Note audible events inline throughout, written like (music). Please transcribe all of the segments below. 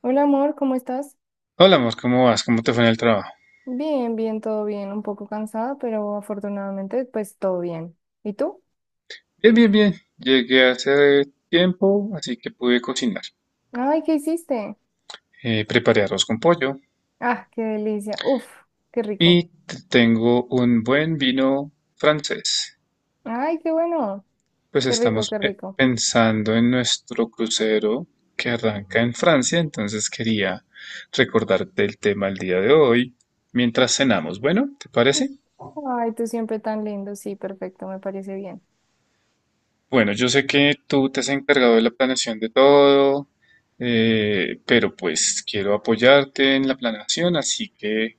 Hola amor, ¿cómo estás? Hola, Mos, ¿cómo vas? ¿Cómo te fue en el trabajo? Bien, bien, todo bien, un poco cansada, pero afortunadamente pues todo bien. ¿Y tú? Bien, bien, bien. Llegué hace tiempo, así que pude cocinar. Ay, ¿qué hiciste? Preparé arroz con pollo Ah, qué delicia. Uf, qué y rico. Tengo un buen vino francés. Ay, qué bueno. Pues Qué rico, estamos qué rico. pensando en nuestro crucero que arranca en Francia, entonces quería recordarte el tema el día de hoy mientras cenamos. Bueno, ¿te Mm. parece? Ay, tú siempre tan lindo. Sí, perfecto, me parece bien. Bueno, yo sé que tú te has encargado de la planeación de todo, pero pues quiero apoyarte en la planeación, así que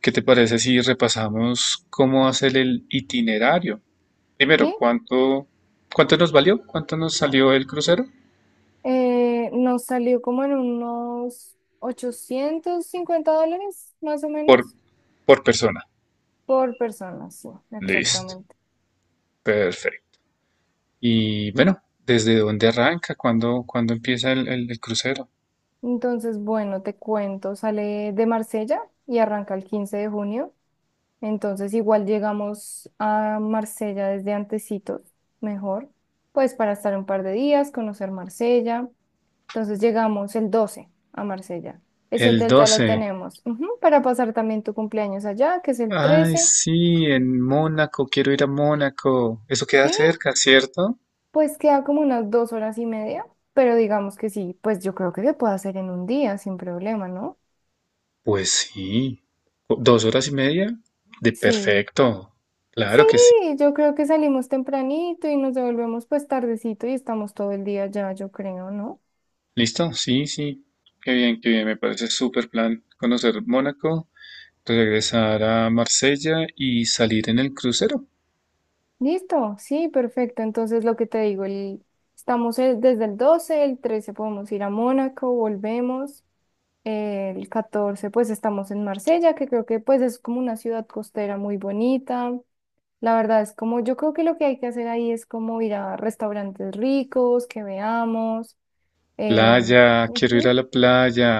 ¿qué te parece si repasamos cómo hacer el itinerario? Sí, Primero, ¿cuánto nos valió? ¿Cuánto nos salió el crucero? Nos salió como en unos $850, más o Por, menos, por persona. por persona. Sí, Listo. exactamente. Perfecto. Y bueno, ¿desde dónde arranca? ¿Cuándo empieza el crucero? Entonces, bueno, te cuento, sale de Marsella y arranca el 15 de junio. Entonces, igual llegamos a Marsella desde antecitos, mejor, pues para estar un par de días, conocer Marsella. Entonces, llegamos el 12 a Marsella. Ese El hotel ya lo 12. tenemos, ujú, para pasar también tu cumpleaños allá, que es el Ay, 13. sí, en Mónaco, quiero ir a Mónaco. Eso queda Sí, cerca, ¿cierto? pues queda como unas 2 horas y media, pero digamos que sí, pues yo creo que se puede hacer en un día sin problema, ¿no? Pues sí. ¿2 horas y media? De Sí. perfecto. Sí, Claro que sí. yo creo que salimos tempranito y nos devolvemos pues tardecito y estamos todo el día ya, yo creo, ¿no? ¿Listo? Sí, sí. Qué bien, qué bien. Me parece súper plan conocer Mónaco, regresar a Marsella y salir en el crucero. Listo, sí, perfecto. Entonces lo que te digo, estamos desde el 12, el 13 podemos ir a Mónaco, volvemos. El 14, pues estamos en Marsella, que creo que pues es como una ciudad costera muy bonita. La verdad es como, yo creo que lo que hay que hacer ahí es como ir a restaurantes ricos, que veamos. em, Playa, quiero ir a ujú. la playa,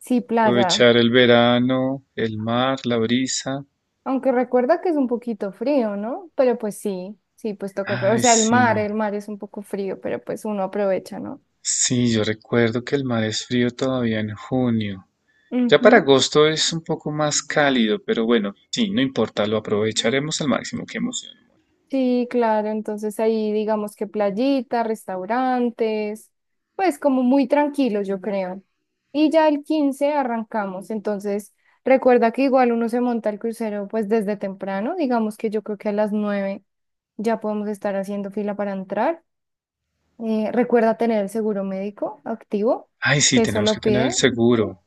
Sí, playa. aprovechar el verano, el mar, la brisa. Aunque recuerda que es un poquito frío, ¿no? Pero pues sí, sí, pues toca aprovechar. O Ay, sea, sí. El mar es un poco frío, pero pues uno aprovecha, ¿no? Sí, yo recuerdo que el mar es frío todavía en junio. Ya para Ujú. agosto es un poco más cálido, pero bueno, sí, no importa, lo aprovecharemos al máximo. Qué emoción. Sí, claro, entonces ahí digamos que playita, restaurantes, pues como muy tranquilos, yo creo. Y ya el 15 arrancamos, entonces recuerda que igual uno se monta el crucero pues desde temprano, digamos que yo creo que a las 9 ya podemos estar haciendo fila para entrar. Recuerda tener el seguro médico activo, Ay, sí, que eso tenemos que lo tener el pide. Ujú. seguro.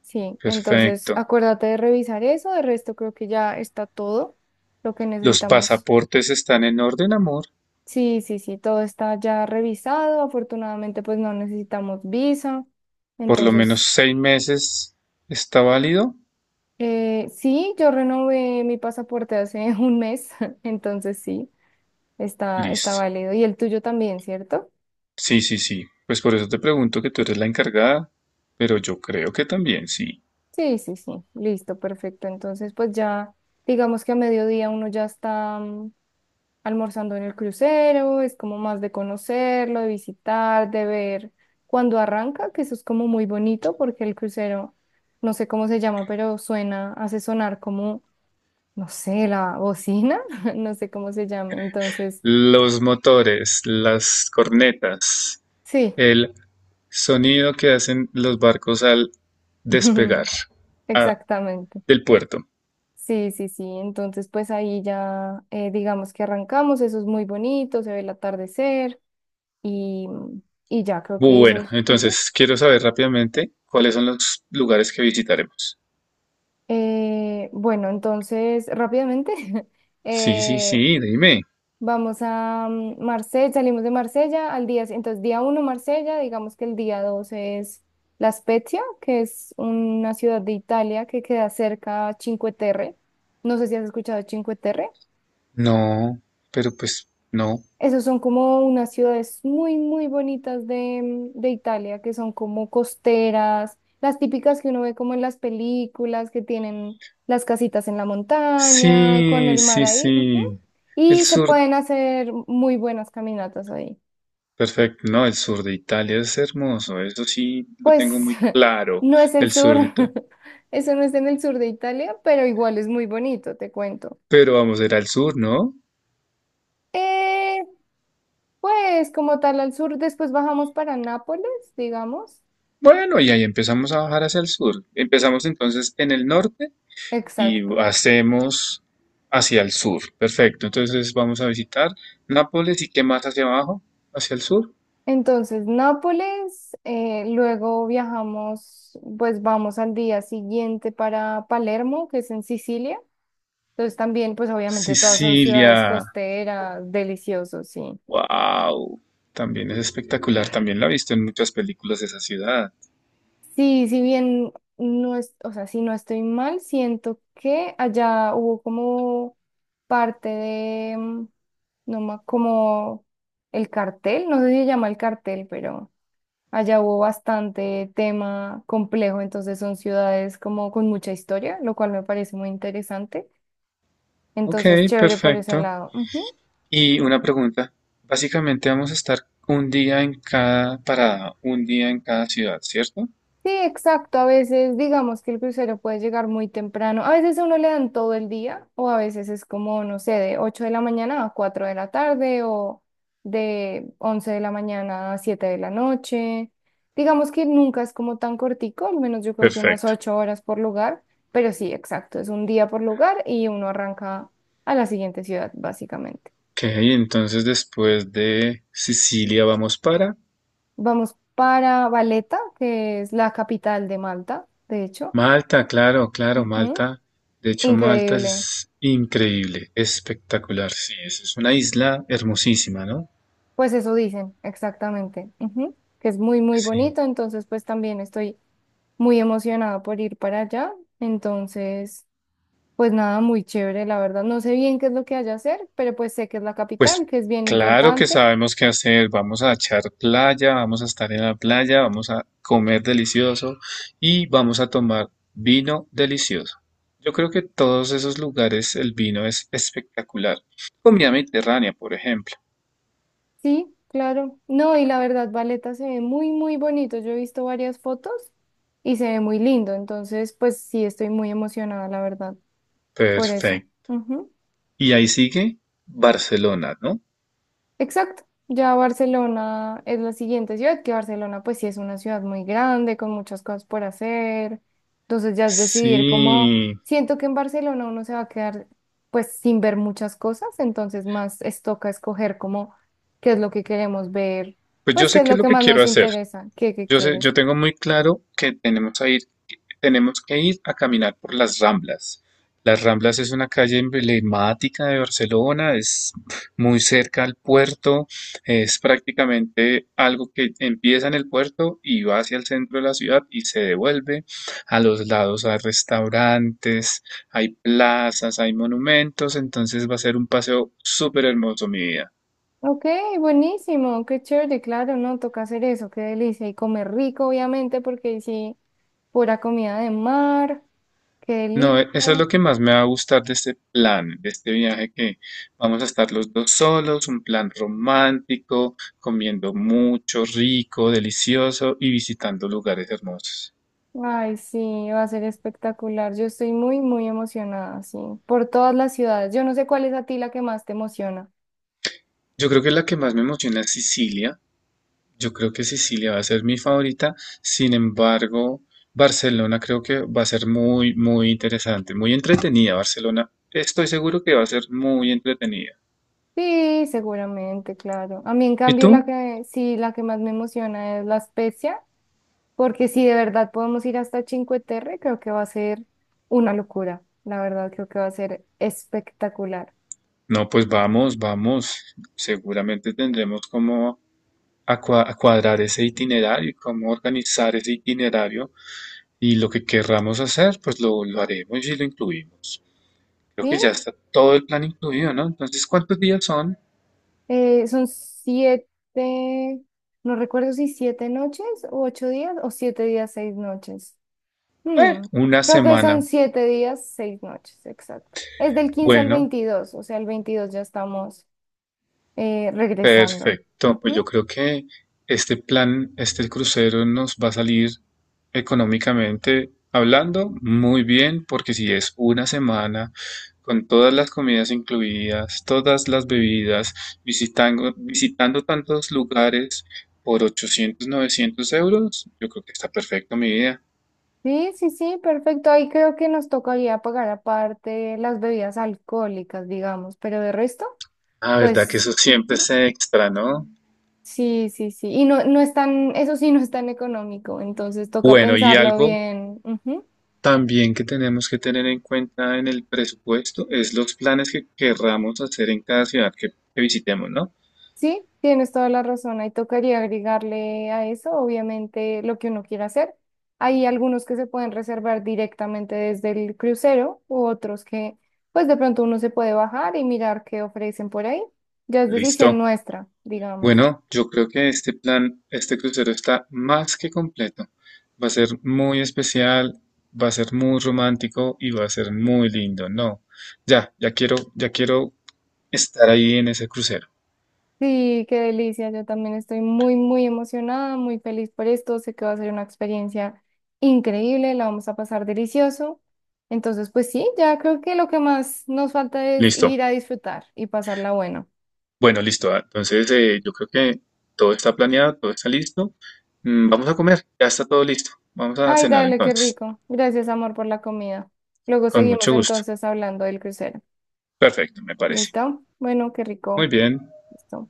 Sí, entonces Perfecto. acuérdate de revisar eso. De resto, creo que ya está todo lo que Los necesitamos. pasaportes están en orden, amor. Sí, sí, sí, todo está ya revisado. Afortunadamente, pues no necesitamos visa. Por lo menos Entonces, 6 meses está válido. Sí, yo renové mi pasaporte hace (laughs) un mes. (laughs) Entonces, sí, está, está Listo. válido. Y el tuyo también, ¿cierto? Sí, sí, sí. Pues por eso te pregunto que tú eres la encargada, pero yo creo que también sí. Sí, sí, sí, listo, perfecto. Entonces, pues ya, digamos que a mediodía uno ya está almorzando en el crucero, es como más de conocerlo, de visitar, de ver cuando arranca, que eso es como muy bonito porque el crucero, no sé cómo se llama, pero suena, hace sonar como, no sé, la bocina, (laughs) no sé cómo se llama. Entonces, Los motores, las cornetas. sí, El sonido que hacen los barcos al (laughs) despegar ah, exactamente. del puerto. Sí, sí, sí. Entonces, pues ahí ya, digamos que arrancamos, eso es muy bonito, se ve el atardecer. y, y ya creo que Bueno, esos. Ujú. entonces quiero saber rápidamente cuáles son los lugares que visitaremos. Bueno, entonces rápidamente (laughs) Sí, sí, sí, eh, dime. vamos a Marsella, salimos de Marsella al día, entonces día uno Marsella, digamos que el día 2 es La Spezia, que es una ciudad de Italia que queda cerca a Cinque Terre. No sé si has escuchado Cinque Terre. No, pero pues no. Esos son como unas ciudades muy, muy bonitas de Italia, que son como costeras, las típicas que uno ve como en las películas, que tienen las casitas en la montaña, con Sí, el mar sí, ahí. Ujú. sí. El Y se sur, pueden hacer muy buenas caminatas ahí. perfecto. No, el sur de Italia es hermoso. Eso sí, lo tengo Pues muy (laughs) claro. no es el El sur, sur de Italia. (laughs) eso no es en el sur de Italia, pero igual es muy bonito, te cuento. Pero vamos a ir al sur, ¿no? Eh, pues como tal al sur, después bajamos para Nápoles, digamos. Bueno, y ahí empezamos a bajar hacia el sur. Empezamos entonces en el norte y Exacto. hacemos hacia el sur. Perfecto. Entonces vamos a visitar Nápoles y qué más hacia abajo, hacia el sur. Entonces, Nápoles, luego viajamos, pues vamos al día siguiente para Palermo, que es en Sicilia. Entonces también, pues obviamente todas son Sicilia. ciudades costeras, deliciosos, sí. Wow. También es espectacular. También la he visto en muchas películas de esa ciudad. Sí, si bien no es, o sea, si no estoy mal, siento que allá hubo como parte de, no ma- como el cartel, no sé si se llama el cartel, pero... Allá hubo bastante tema complejo, entonces son ciudades como con mucha historia, lo cual me parece muy interesante. Entonces, Ok, chévere por ese perfecto. lado. Ujú. Y una pregunta. Básicamente vamos a estar un día en cada parada, un día en cada ciudad, ¿cierto? Sí, exacto. A veces digamos que el crucero puede llegar muy temprano. A veces a uno le dan todo el día o a veces es como, no sé, de 8 de la mañana a 4 de la tarde o de 11 de la mañana a 7 de la noche. Digamos que nunca es como tan cortico, al menos yo creo que unas Perfecto. 8 horas por lugar, pero sí, exacto. Es un día por lugar y uno arranca a la siguiente ciudad, básicamente. Ok, entonces después de Sicilia vamos para Vamos para Valeta, que es la capital de Malta, de hecho. Malta, claro, claro, Ujú. Malta. De hecho, Malta Increíble. es increíble, espectacular, sí, es una isla hermosísima, ¿no? Pues eso dicen, exactamente. Ujú. Que es muy, muy Sí. bonito. Entonces, pues también estoy muy emocionada por ir para allá. Entonces, pues nada, muy chévere, la verdad. No sé bien qué es lo que haya hacer, pero pues sé que es la capital, Pues que es bien claro que importante. sabemos qué hacer, vamos a echar playa, vamos a estar en la playa, vamos a comer delicioso y vamos a tomar vino delicioso. Yo creo que todos esos lugares el vino es espectacular. Comida mediterránea, por ejemplo. Sí, claro. No, y la verdad, Valeta se ve muy, muy bonito. Yo he visto varias fotos y se ve muy lindo. Entonces, pues sí, estoy muy emocionada, la verdad, por eso. Perfecto. Ujú. Y ahí sigue Barcelona, ¿no? Exacto. Ya Barcelona es la siguiente ciudad, que Barcelona pues sí es una ciudad muy grande, con muchas cosas por hacer. Entonces ya es decidir cómo, Sí, siento que en Barcelona uno se va a quedar pues sin ver muchas cosas, entonces más es toca escoger como qué es lo que queremos ver, pues yo pues qué sé es qué es lo lo que que más quiero nos hacer. interesa, qué, qué Yo sé, quieres. yo tengo muy claro que tenemos a ir, tenemos que ir a caminar por las Ramblas. Las Ramblas es una calle emblemática de Barcelona, es muy cerca al puerto, es prácticamente algo que empieza en el puerto y va hacia el centro de la ciudad y se devuelve. A los lados hay restaurantes, hay plazas, hay monumentos, entonces va a ser un paseo súper hermoso, mi vida. Ok, buenísimo, qué chévere, claro, no, toca hacer eso, qué delicia. Y comer rico, obviamente, porque ahí sí, pura comida de mar, qué No, delicia. Eso es lo que más me va a gustar de este plan, de este viaje que vamos a estar los dos solos, un plan romántico, comiendo mucho, rico, delicioso y visitando lugares hermosos. Ay, sí, va a ser espectacular. Yo estoy muy, muy emocionada, sí, por todas las ciudades. Yo no sé cuál es a ti la que más te emociona. Yo creo que la que más me emociona es Sicilia. Yo creo que Sicilia va a ser mi favorita. Sin embargo, Barcelona creo que va a ser muy, muy interesante, muy entretenida. Barcelona, estoy seguro que va a ser muy entretenida. Sí, seguramente, claro. A mí, en ¿Y cambio, la tú? que sí, la que más me emociona es La Spezia, porque si de verdad podemos ir hasta Cinque Terre, creo que va a ser una locura. La verdad, creo que va a ser espectacular. No, pues vamos, vamos. Seguramente tendremos como a cuadrar ese itinerario y cómo organizar ese itinerario y lo que querramos hacer, pues lo haremos y lo incluimos. Creo que Sí. ya está todo el plan incluido, ¿no? Entonces, ¿cuántos días son? Son siete, no recuerdo si 7 noches o 8 días o 7 días, 6 noches. Hmm, Una Creo que son semana. 7 días, 6 noches, exacto. Es del 15 al Bueno, 22 o sea, el 22 ya estamos regresando. perfecto, pues yo Ujú. creo que este plan, este crucero nos va a salir económicamente hablando muy bien, porque si es una semana con todas las comidas incluidas, todas las bebidas, visitando tantos lugares por 800, 900 euros, yo creo que está perfecto mi idea. Sí, sí, sí, perfecto. Ahí creo que nos tocaría pagar aparte las bebidas alcohólicas, digamos, pero de resto, Ah, verdad que pues eso siempre ujú. se extra, ¿no? Sí, sí, sí. Y no, no es tan, eso sí no es tan económico, entonces toca Bueno, y pensarlo algo bien. Ujú. también que tenemos que tener en cuenta en el presupuesto es los planes que querramos hacer en cada ciudad que visitemos, ¿no? Sí, tienes toda la razón. Ahí tocaría agregarle a eso, obviamente, lo que uno quiera hacer. Hay algunos que se pueden reservar directamente desde el crucero u otros que, pues de pronto uno se puede bajar y mirar qué ofrecen por ahí. Ya es decisión Listo. nuestra, digamos. Bueno, yo creo que este plan, este crucero está más que completo. Va a ser muy especial, va a ser muy romántico y va a ser muy lindo, ¿no? Ya quiero estar ahí en ese crucero. Sí, qué delicia. Yo también estoy muy, muy emocionada, muy feliz por esto. Sé que va a ser una experiencia increíble, la vamos a pasar delicioso. Entonces, pues sí, ya creo que lo que más nos falta es Listo. ir a disfrutar y pasarla bueno. Bueno, listo. Entonces, yo creo que todo está planeado, todo está listo. Vamos a comer, ya está todo listo. Vamos a Ay, cenar dale, qué entonces. rico. Gracias, amor, por la comida. Luego Con seguimos mucho gusto. entonces hablando del crucero. Perfecto, me parece. ¿Listo? Bueno, qué Muy rico. bien. Listo.